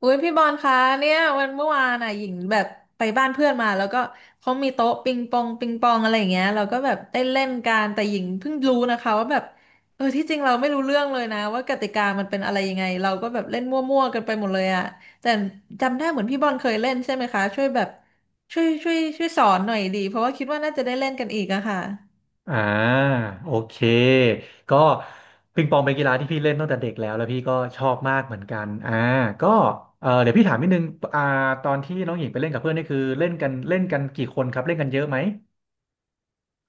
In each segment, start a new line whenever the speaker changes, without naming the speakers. อุ้ยพี่บอลคะเนี่ยวันเมื่อวานอ่ะหญิงแบบไปบ้านเพื่อนมาแล้วก็เขามีโต๊ะปิงปองอะไรอย่างเงี้ยเราก็แบบได้เล่นกันแต่หญิงเพิ่งรู้นะคะว่าแบบเออที่จริงเราไม่รู้เรื่องเลยนะว่ากติกามันเป็นอะไรยังไงเราก็แบบเล่นมั่วๆกันไปหมดเลยอ่ะแต่จำได้เหมือนพี่บอลเคยเล่นใช่ไหมคะช่วยแบบช่วยช่วยช่วยสอนหน่อยดีเพราะว่าคิดว่าน่าจะได้เล่นกันอีกอะค่ะ
อ่าโอเคก็ปิงปองเป็นกีฬาที่พี่เล่นตั้งแต่เด็กแล้วพี่ก็ชอบมากเหมือนกันก็เออเดี๋ยวพี่ถามนิดนึงอ่าตอนที่น้องหญิงไปเล่นกับเพื่อนนี่คือเล่นกันกี่คนครับเล่นกันเยอะไหม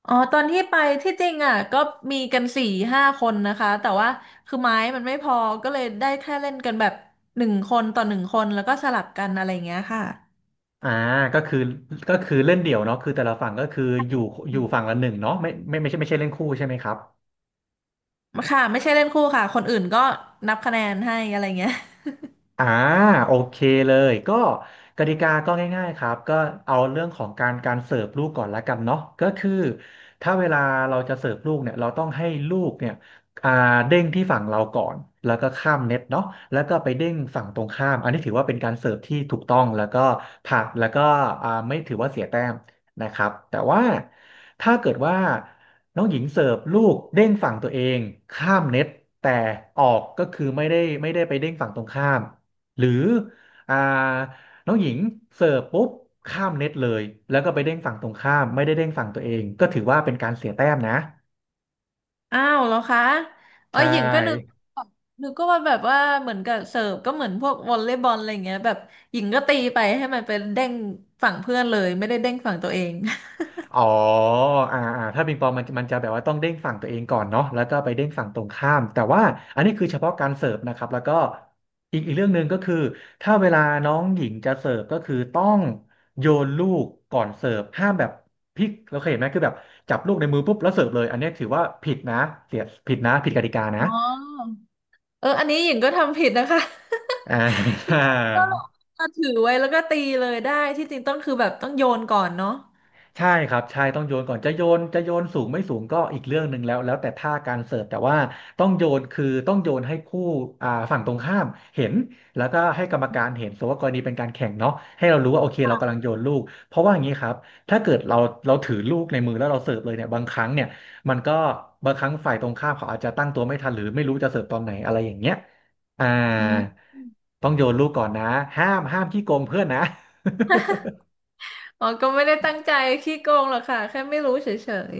อ๋อตอนที่ไปที่จริงอ่ะก็มีกัน4-5 คนนะคะแต่ว่าคือไม้มันไม่พอก็เลยได้แค่เล่นกันแบบหนึ่งคนต่อหนึ่งคนแล้วก็สลับกันอะไรอย่างเงี้ยค่ะ
อ่าก็คือก็คือเล่นเดี่ยวเนาะคือแต่ละฝั่งก็คืออยู่อยู่ฝั่งละหนึ่งเนาะไม่ใช่เล่นคู่ใช่ไหมครับ
ค่ะไม่ใช่เล่นคู่ค่ะคนอื่นก็นับคะแนนให้อะไรเงี้ย
อ่าโอเคเลยก็กติกาก็ง่ายๆครับก็เอาเรื่องของการเสิร์ฟลูกก่อนละกันเนาะก็คือถ้าเวลาเราจะเสิร์ฟลูกเนี่ยเราต้องให้ลูกเนี่ยอ่าเด้งที่ฝั่งเราก่อนแล้วก็ข้ามเน็ตเนาะแล้วก็ไปเด้งฝั่งตรงข้ามอันนี้ถือว่าเป็นการเสิร์ฟที่ถูกต้องแล้วก็ผ่านแล้วก็ไม่ถือว่าเสียแต้มนะครับแต่ว่าถ้าเกิดว่าน้องหญิงเสิร์ฟลูกเด้งฝั่งตัวเองข้ามเน็ตแต่ออกก็คือไม่ได้ไปเด้งฝั่งตรงข้าม หรืออ่าน้องหญิงเสิร์ฟปุ๊บข้ามเน็ตเลยแล้วก็ไปเด้งฝั่งตรงข้ามไม่ได้เด้งฝั่งตัวเองก็ถือว่าเป็นการเสียแต้มนะ
อ้าวแล้วคะ
ใช
เอ๋อหญิงก็นึก
่
นึกก็ว่าแบบว่าเหมือนกับเสิร์ฟก็เหมือนพวกวอลเลย์บอลอะไรเงี้ยแบบหญิงก็ตีไปให้มันเป็นเด้งฝั่งเพื่อนเลยไม่ได้เด้งฝั่งตัวเอง
อ๋ออ่าถ้าปิงปองมันจะแบบว่าต้องเด้งฝั่งตัวเองก่อนเนาะแล้วก็ไปเด้งฝั่งตรงข้าม แต่ว่าอันนี้คือเฉพาะการเสิร์ฟนะครับแล้วก็อีกเรื่องหนึ่งก็คือถ้าเวลาน้องหญิงจะเสิร์ฟก็คือต้องโยนลูกก่อนเสิร์ฟห้ามแบบพลิกเราเคยเห็นไหมคือแบบจับลูกในมือปุ๊บแล้วเสิร์ฟเลยอันนี้ถือว่าผิดนะเสียผิดนะผิดกติกา
อ๋
นะ
อ เอออันนี้หญิงก็ทำผิดนะคะ
อ่า
ก็เอาถือไว้แล้วก็ตีเลยได้ที่จริงต้องคือแบบต้องโยนก่อนเนาะ
ใช่ครับใช่ต้องโยนก่อนจะโยนสูงไม่สูงก็อีกเรื่องหนึ่งแล้วแต่ท่าการเสิร์ฟแต่ว่าต้องโยนคือต้องโยนให้คู่ฝั่งตรงข้ามเห็นแล้วก็ให้กรรมการเห็นสมมติว่ากรณีเป็นการแข่งเนาะให้เรารู้ว่าโอเคเรากำลังโยนลูกเพราะว่าอย่างนี้ครับถ้าเกิดเราถือลูกในมือแล้วเราเสิร์ฟเลยเนี่ยบางครั้งเนี่ยมันก็บางครั้งฝ่ายตรงข้ามเขาอาจจะตั้งตัวไม่ทันหรือไม่รู้จะเสิร์ฟตอนไหนอะไรอย่างเงี้ยอ่า
อืม
ต้องโยนลูกก่อนนะห้ามขี้โกงเพื่อนนะ
อ๋อก็ไม่ได้ตั้งใจขี้โกงหรอกค่ะแค่ไม่รู้เฉ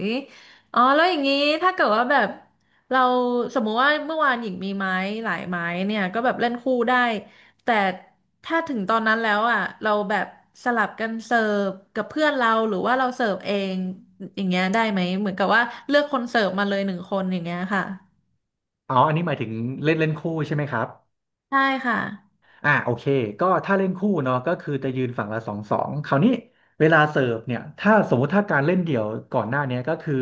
ยๆอ๋อแล้วอย่างนี้ถ้าเกิดว่าแบบเราสมมุติว่าเมื่อวานหญิงมีไม้หลายไม้เนี่ยก็แบบเล่นคู่ได้แต่ถ้าถึงตอนนั้นแล้วอ่ะเราแบบสลับกันเสิร์ฟกับเพื่อนเราหรือว่าเราเสิร์ฟเองอย่างเงี้ยได้ไหมเหมือนกับว่าเลือกคนเสิร์ฟมาเลยหนึ่งคนอย่างเงี้ยค่ะ
อ๋ออันนี้หมายถึงเล่นเล่นคู่ใช่ไหมครับ
ใชค่ะ
โอเคก็ถ้าเล่นคู่เนาะก็คือจะยืนฝั่งละสองคราวนี้เวลาเสิร์ฟเนี่ยถ้าสมมุติถ้าการเล่นเดี่ยวก่อนหน้าเนี้ยก็คือ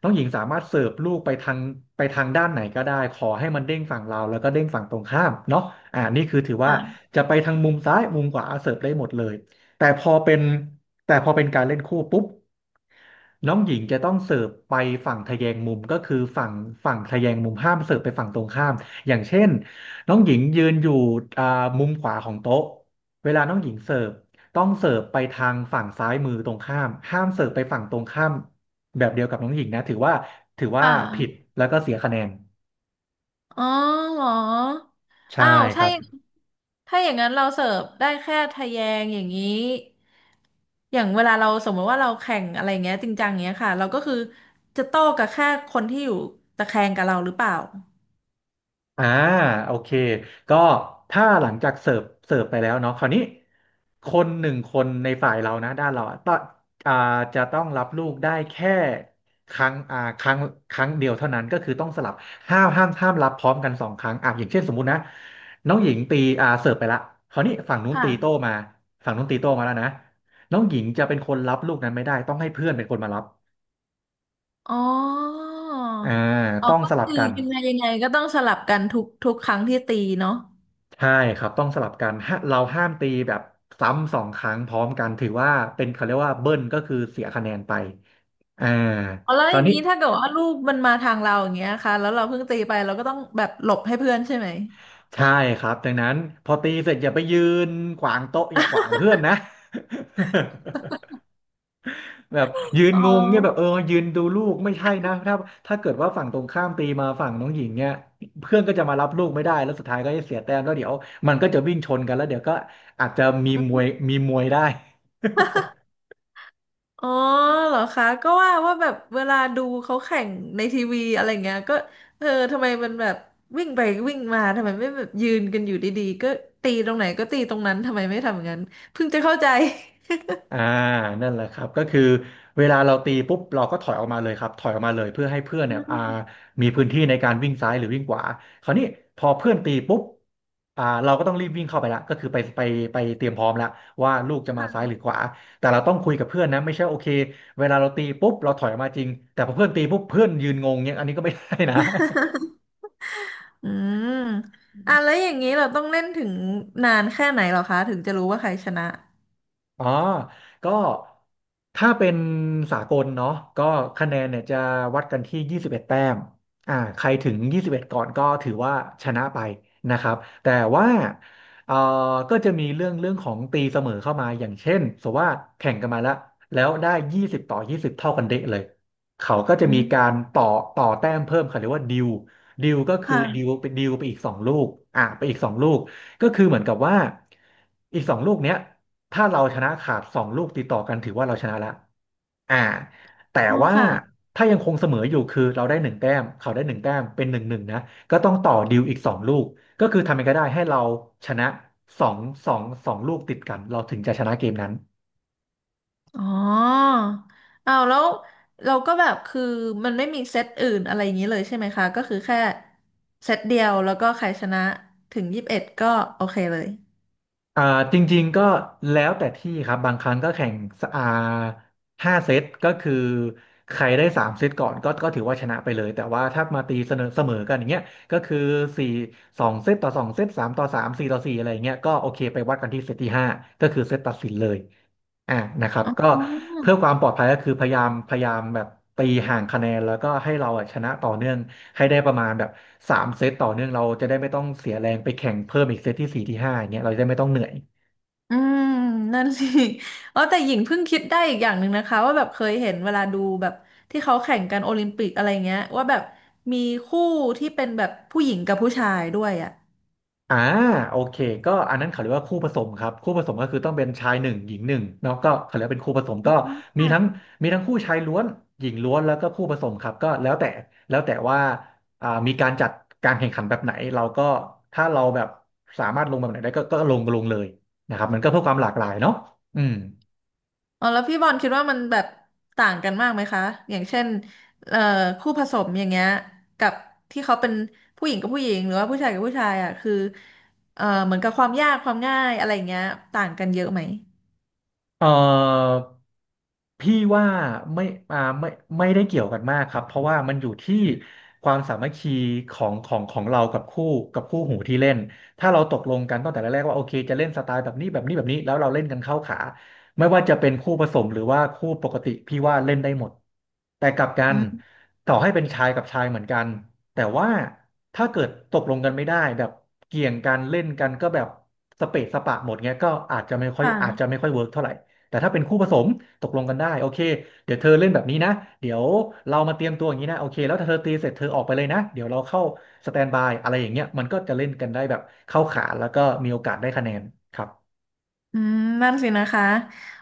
น้องหญิงสามารถเสิร์ฟลูกไปทางด้านไหนก็ได้ขอให้มันเด้งฝั่งเราแล้วก็เด้งฝั่งตรงข้ามเนาะนี่คือถือว่า
ค่ะ
จะไปทางมุมซ้ายมุมขวาเสิร์ฟได้หมดเลยแต่พอเป็นแต่พอเป็นการเล่นคู่ปุ๊บ น้องหญิงจะต้องเสิร์ฟไปฝั่งทแยงมุมก็คือฝั่งทแยงมุมห้ามเสิร์ฟไปฝั่งตรงข้ามอย่างเช่นน้องหญิงยืนอยู่อ่ามุมขวาของโต๊ะเวลาน้องหญิงเสิร์ฟต้องเสิร์ฟไปทางฝั่งซ้ายมือตรงข้ามห้ามเสิร์ฟไปฝั่งตรงข้ามแบบเดียวกับน้องหญิงนะถือว่า
ค่
ผิด
ะ
แล้วก็เสียคะแนน
อ๋อเหรอ
ใช่
อ้าว
ครับ
ถ้าอย่างนั้นเราเสิร์ฟได้แค่ทะแยงอย่างนี้อย่างเวลาเราสมมติว่าเราแข่งอะไรเงี้ยจริงจังเงี้ยค่ะเราก็คือจะโต้กับแค่คนที่อยู่ตะแคงกับเราหรือเปล่า
อ่าโอเคก็ถ้าหลังจากเสิร์ฟไปแล้วเนาะคราวนี้คนหนึ่งคนในฝ่ายเรานะด้านเราอะต้องอ่าจะต้องรับลูกได้แค่ครั้งอ่าครั้งครั้งเดียวเท่านั้นก็คือต้องสลับห้ามรับพร้อมกันสองครั้งอ่ะอย่างเช่นสมมุตินะน้องหญิงตีเสิร์ฟไปละคราวนี้ฝั่งนู้นตีโต้
ค่ะ
มาฝั่งนู้นตีโต้มาแล้วนะน้องหญิงจะเป็นคนรับลูกนั้นไม่ได้ต้องให้เพื่อนเป็นคนมารับ
อ๋อ
อ่า
อ๋อ
ต้อง
ก็
สลับ
คือ
กัน
ยังไงยังไงก็ต้องสลับกันทุกทุกครั้งที่ตีเนาะ
ใช่ครับต้องสลับกันฮะเราห้ามตีแบบซ้ำสองครั้งพร้อมกันถือว่าเป็นเขาเรียกว่าเบิ้ลก็คือเสียคะแนนไปอ่า
อ๋อแล้ว
ค
อ
ราว
ย่าง
นี้
นี้ถ้าเกิดว่าลูกมันมาทางเราอย่างเงี้ยค่ะแล้วเราเพิ่งตีไปเราก็ต้องแบบหลบให้เพื่อนใช่ไหม
ใช่ครับดังนั้นพอตีเสร็จอย่าไปยืนขวางโต๊ะอย่าขวางเพื่อนนะ แบบยืน
อ๋อ
งงเนี่ยแบบเออยืนดูลูกไม่ใช่นะถ้าเกิดว่าฝั่งตรงข้ามตีมาฝั่งน้องหญิงเนี่ยเพื่อนก็จะมารับลูกไม่ได้แล้วสุดท้ายก็จะเสียแต้มแล้วเดี๋ยวมันก็จะวิ่งชนกันแล้วเดี๋ยวก็อาจจะมีมวยได้
อ๋อเหรอคะก็ว่าแบบเวลาดูเขาแข่งในทีวีอะไรเงี้ยก็เออทำไมมันแบบวิ่งไปวิ่งมาทำไมไม่แบบยืนกันอยู่ดีๆก็ตีตรงไหนก็ตีตรงนั้นทำไมไม่ทำอย่างนั้นเพิ่งจะเข้าใจ
อ่านั่นแหละครับก็คือเวลาเราตีปุ๊บเราก็ถอยออกมาเลยครับถอยออกมาเลยเพื่อให้เพื่อน
อื
เนี่ย
ม
มีพื้นที่ในการวิ่งซ้ายหรือวิ่งขวาคราวนี้พอเพื่อนตีปุ๊บเราก็ต้องรีบวิ่งเข้าไปละก็คือไปไปเตรียมพร้อมละว่าลูกจะมาซ้าย
ค่ะ
หรือขวาแต่เราต้องคุยกับเพื่อนนะไม่ใช่โอเคเวลาเราตีปุ๊บเราถอยออกมาจริงแต่พอเพื่อนตีปุ๊บเพื่อนยืนงงเนี่ยอันนี้ก็ไม่ได้นะ
อืมอ่ะแล้วอย่างนี้เราต้องเล่นถึงนานแค่ไหนเหรอคะถึงจะรู้ว่าใครชนะ
อ๋อก็ถ้าเป็นสากลเนาะก็คะแนนเนี่ยจะวัดกันที่21แต้มใครถึง21ก่อนก็ถือว่าชนะไปนะครับแต่ว่าเอ่อก็จะมีเรื่องของตีเสมอเข้ามาอย่างเช่นสมมติว่าแข่งกันมาแล้วแล้วได้20ต่อ20เท่ากันเดะเลย เขาก็จะ
อื
มี
ม
การต่อแต้มเพิ่มเขาเรียกว่าดิวดิวก็คือดิว
ค่ะ
ไปดิวไปอีกสองลูกไปอีกสองลูก ก็คือเหมือนกับว่าอีกสองลูกเนี้ย ถ้าเราชนะขาดสองลูกติดต่อกันถือว่าเราชนะละอ่าแต่
อ๋อ
ว่า
ค่ะ
ถ้ายังคงเสมออยู่คือเราได้หนึ่งแต้มเขาได้หนึ่งแต้มเป็นหนึ่งหนึ่งนะก็ต้องต่อดิวอีกสองลูกก็คือทำยังไงก็ได้ให้เราชนะสองสองลูกติดกันเราถึงจะชนะเกมนั้น
อ๋ออ้าวแล้วเราก็แบบคือมันไม่มีเซตอื่นอะไรอย่างนี้เลยใช่ไหมคะก็คือแค่เซตเดียวแล้วก็ใครชนะถึง21ก็โอเคเลย
อ่าจริงๆก็แล้วแต่ที่ครับบางครั้งก็แข่งสอ่าห้าเซตก็คือใครได้สามเซตก่อนก็ถือว่าชนะไปเลยแต่ว่าถ้ามาตีเสมอกันอย่างเงี้ยก็คือสี่สองเซตต่อสองเซตสามต่อสามสี่ต่อสี่อะไรอย่างเงี้ยก็โอเคไปวัดกันที่เซตที่ห้าก็คือเซตตัดสินเลยอ่านะครับ
อ๋
ก็
อ
เพื่อความปลอดภัยก็คือพยายามแบบตีห่างคะแนนแล้วก็ให้เราอะชนะต่อเนื่องให้ได้ประมาณแบบสามเซตต่อเนื่องเราจะได้ไม่ต้องเสียแรงไปแข่งเพิ่มอีกเซตที่สี่ที่ห้าอย่างเงี้ยเราจะได้ไม่ต้องเหนื่อย
อืมนั่นสิ อ๋อแต่หญิงเพิ่งคิดได้อีกอย่างหนึ่งนะคะว่าแบบเคยเห็นเวลาดูแบบที่เขาแข่งกันโอลิมปิกอะไรเงี้ยว่าแบบมีคู่ที่เป็นแบบผู้หญิงกับผู้ชายด้วยอ่ะ
อ่าโอเคก็อันนั้นเขาเรียกว่าคู่ผสมครับคู่ผสมก็คือต้องเป็นชายหนึ่งหญิงหนึ่งเนาะก็เขาเรียกว่าเป็นคู่ผสม
อ๋
ก็มีทั้ง
อ
มีทั้งคู่ชายล้วนหญิงล้วนแล้วก็คู่ผสมครับก็แล้วแต่ว่ามีการจัดการแข่งขันแบบไหนเราก็ถ้าเราแบบสามารถลงแบบไหนได้ก็ก็ลงเลยนะครับมันก็เพื่อความหลากหลายเนาะอืม
อ๋อแล้วพี่บอลคิดว่ามันแบบต่างกันมากไหมคะอย่างเช่นเอ่อคู่ผสมอย่างเงี้ยกับที่เขาเป็นผู้หญิงกับผู้หญิงหรือว่าผู้ชายกับผู้ชายอ่ะคือเหมือนกับความยากความง่ายอะไรอย่างเงี้ยต่างกันเยอะไหม
เอ่อพี่ว่าไม่ไม่ไม่ได้เกี่ยวกันมากครับเพราะว่ามันอยู่ที่ความสามัคคีของเรากับคู่กับคู่หูที่เล่นถ้าเราตกลงกันตั้งแต่แรกๆว่าโอเคจะเล่นสไตล์แบบนี้แล้วเราเล่นกันเข้าขาไม่ว่าจะเป็นคู่ผสมหรือว่าคู่ปกติพี่ว่าเล่นได้หมดแต่กลับกั
อื
น
ม
ต่อให้เป็นชายกับชายเหมือนกันแต่ว่าถ้าเกิดตกลงกันไม่ได้แบบเกี่ยงกันเล่นกันก็แบบสเปะสปะหมดเงี้ยก็
ค่ะ
อาจจะไม่ค่อยเวิร์กเท่าไหร่ แต่ถ้าเป็นคู่ผสมตกลงกันได้โอเคเดี๋ยวเธอเล่นแบบนี้นะเดี๋ยวเรามาเตรียมตัวอย่างนี้นะโอเคแล้วถ้าเธอตีเสร็จเธอออกไปเลยนะเดี๋ยวเราเข้าสแตนบายอะไรอย่างเงี้ยมันก็จะเล่นกันได้แบบเข้าขาแล้วก็มีโอกาสได้คะแนนครับ
อืมนั่นสินะคะ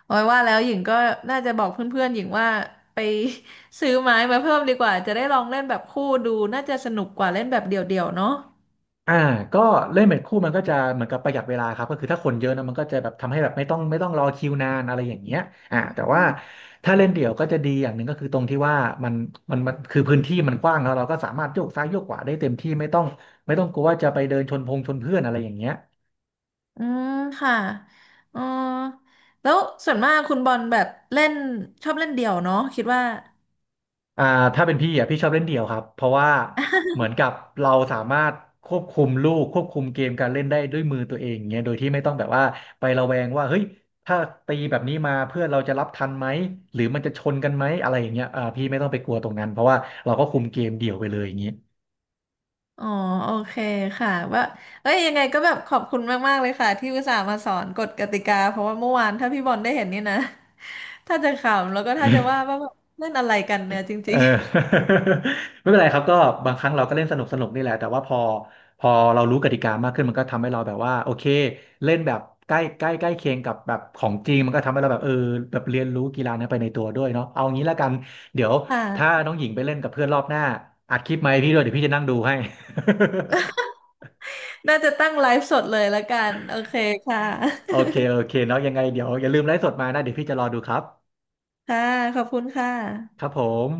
โอ้ยว่าแล้วหญิงก็น่าจะบอกเพื่อนๆหญิงว่าไป ซื้อไม้มาเพิ่มดีกว่าจะได้ลองเล่นแบบคู่ดูน่าจะสนุกกว่าเล่นแบบเดี่ยวๆเนาะ
อ่าก็เล่นเป็นคู่มันก็จะเหมือนกับประหยัดเวลาครับก็คือถ้าคนเยอะนะมันก็จะแบบทำให้แบบไม่ต้องรอคิวนานอะไรอย่างเงี้ยแต่ว่าถ้าเล่นเดี่ยวก็จะดีอย่างหนึ่งก็คือตรงที่ว่ามันมันคือพื้นที่มันกว้างแล้วเราก็สามารถโยกซ้ายโยกขวาได้เต็มที่ไม่ต้องกลัวว่าจะไปเดินชนพงชนเพื่อนอะไรอย่างเงี้ย
อืมค่ะเออแล้วส่วนมากคุณบอลแบบเล่นชอบเล่นเดี่ยวเนาะคิดว่า
อ่าถ้าเป็นพี่อ่ะพี่ชอบเล่นเดี่ยวครับเพราะว่า เหมือนกับเราสามารถควบคุมลูกควบคุมเกมการเล่นได้ด้วยมือตัวเองอย่างเงี้ยโดยที่ไม่ต้องแบบว่าไประแวงว่าเฮ้ยถ้าตีแบบนี้มาเพื่อนเราจะรับทันไหมหรือมันจะชนกันไหมอะไรอย่างเงี้ยพี่ไม่ต้องไปกลัวตรงนั้นเพราะว่าเราก็คุมเกมเดี่ยวไปเลยอย่างงี้
อ๋อโอเคค่ะว่าเอ้ยยังไงก็แบบขอบคุณมากๆเลยค่ะที่อุตส่าห์มาสอนกฎกติกาเพราะว่าเมื่อวานถ้าพี่บอลได้เห็นนี่นะ ถ้าจะขำแล้วก็ถ้าจะว่าแบบเล่นอะไรกันเนี่ยจ
เอ
ริ
อ
ง
ไม่เป็นไรครับก็บางครั้งเราก็เล่นสนุกสนุกนี่แหละแต่ว่าพอเรารู้กติกามากขึ้นมันก็ทำให้เราแบบว่าโอเคเล่นแบบใกล้ใกล้ใกล้เคียงกับแบบของจริงมันก็ทำให้เราแบบเออแบบเรียนรู้กีฬานั้นไปในตัวด้วยเนาะเอางี้แล้วกันเดี๋ยว
ๆ ค
ถ้า
่ะ
น้องหญิงไปเล่นกับเพื่อนรอบหน้าอัดคลิปมาให้พี่ด้วยเดี๋ยวพี่จะนั่งดูให้
น่าจะตั้งไลฟ์สดเลยละกันโอเคค่ะ
โอเคโอเคเนาะยังไงเดี๋ยวอย่าลืมไลฟ์สดมานะเดี๋ยวพี่จะรอดูครับ
ค่ะขอบคุณค่ะ
ครับผม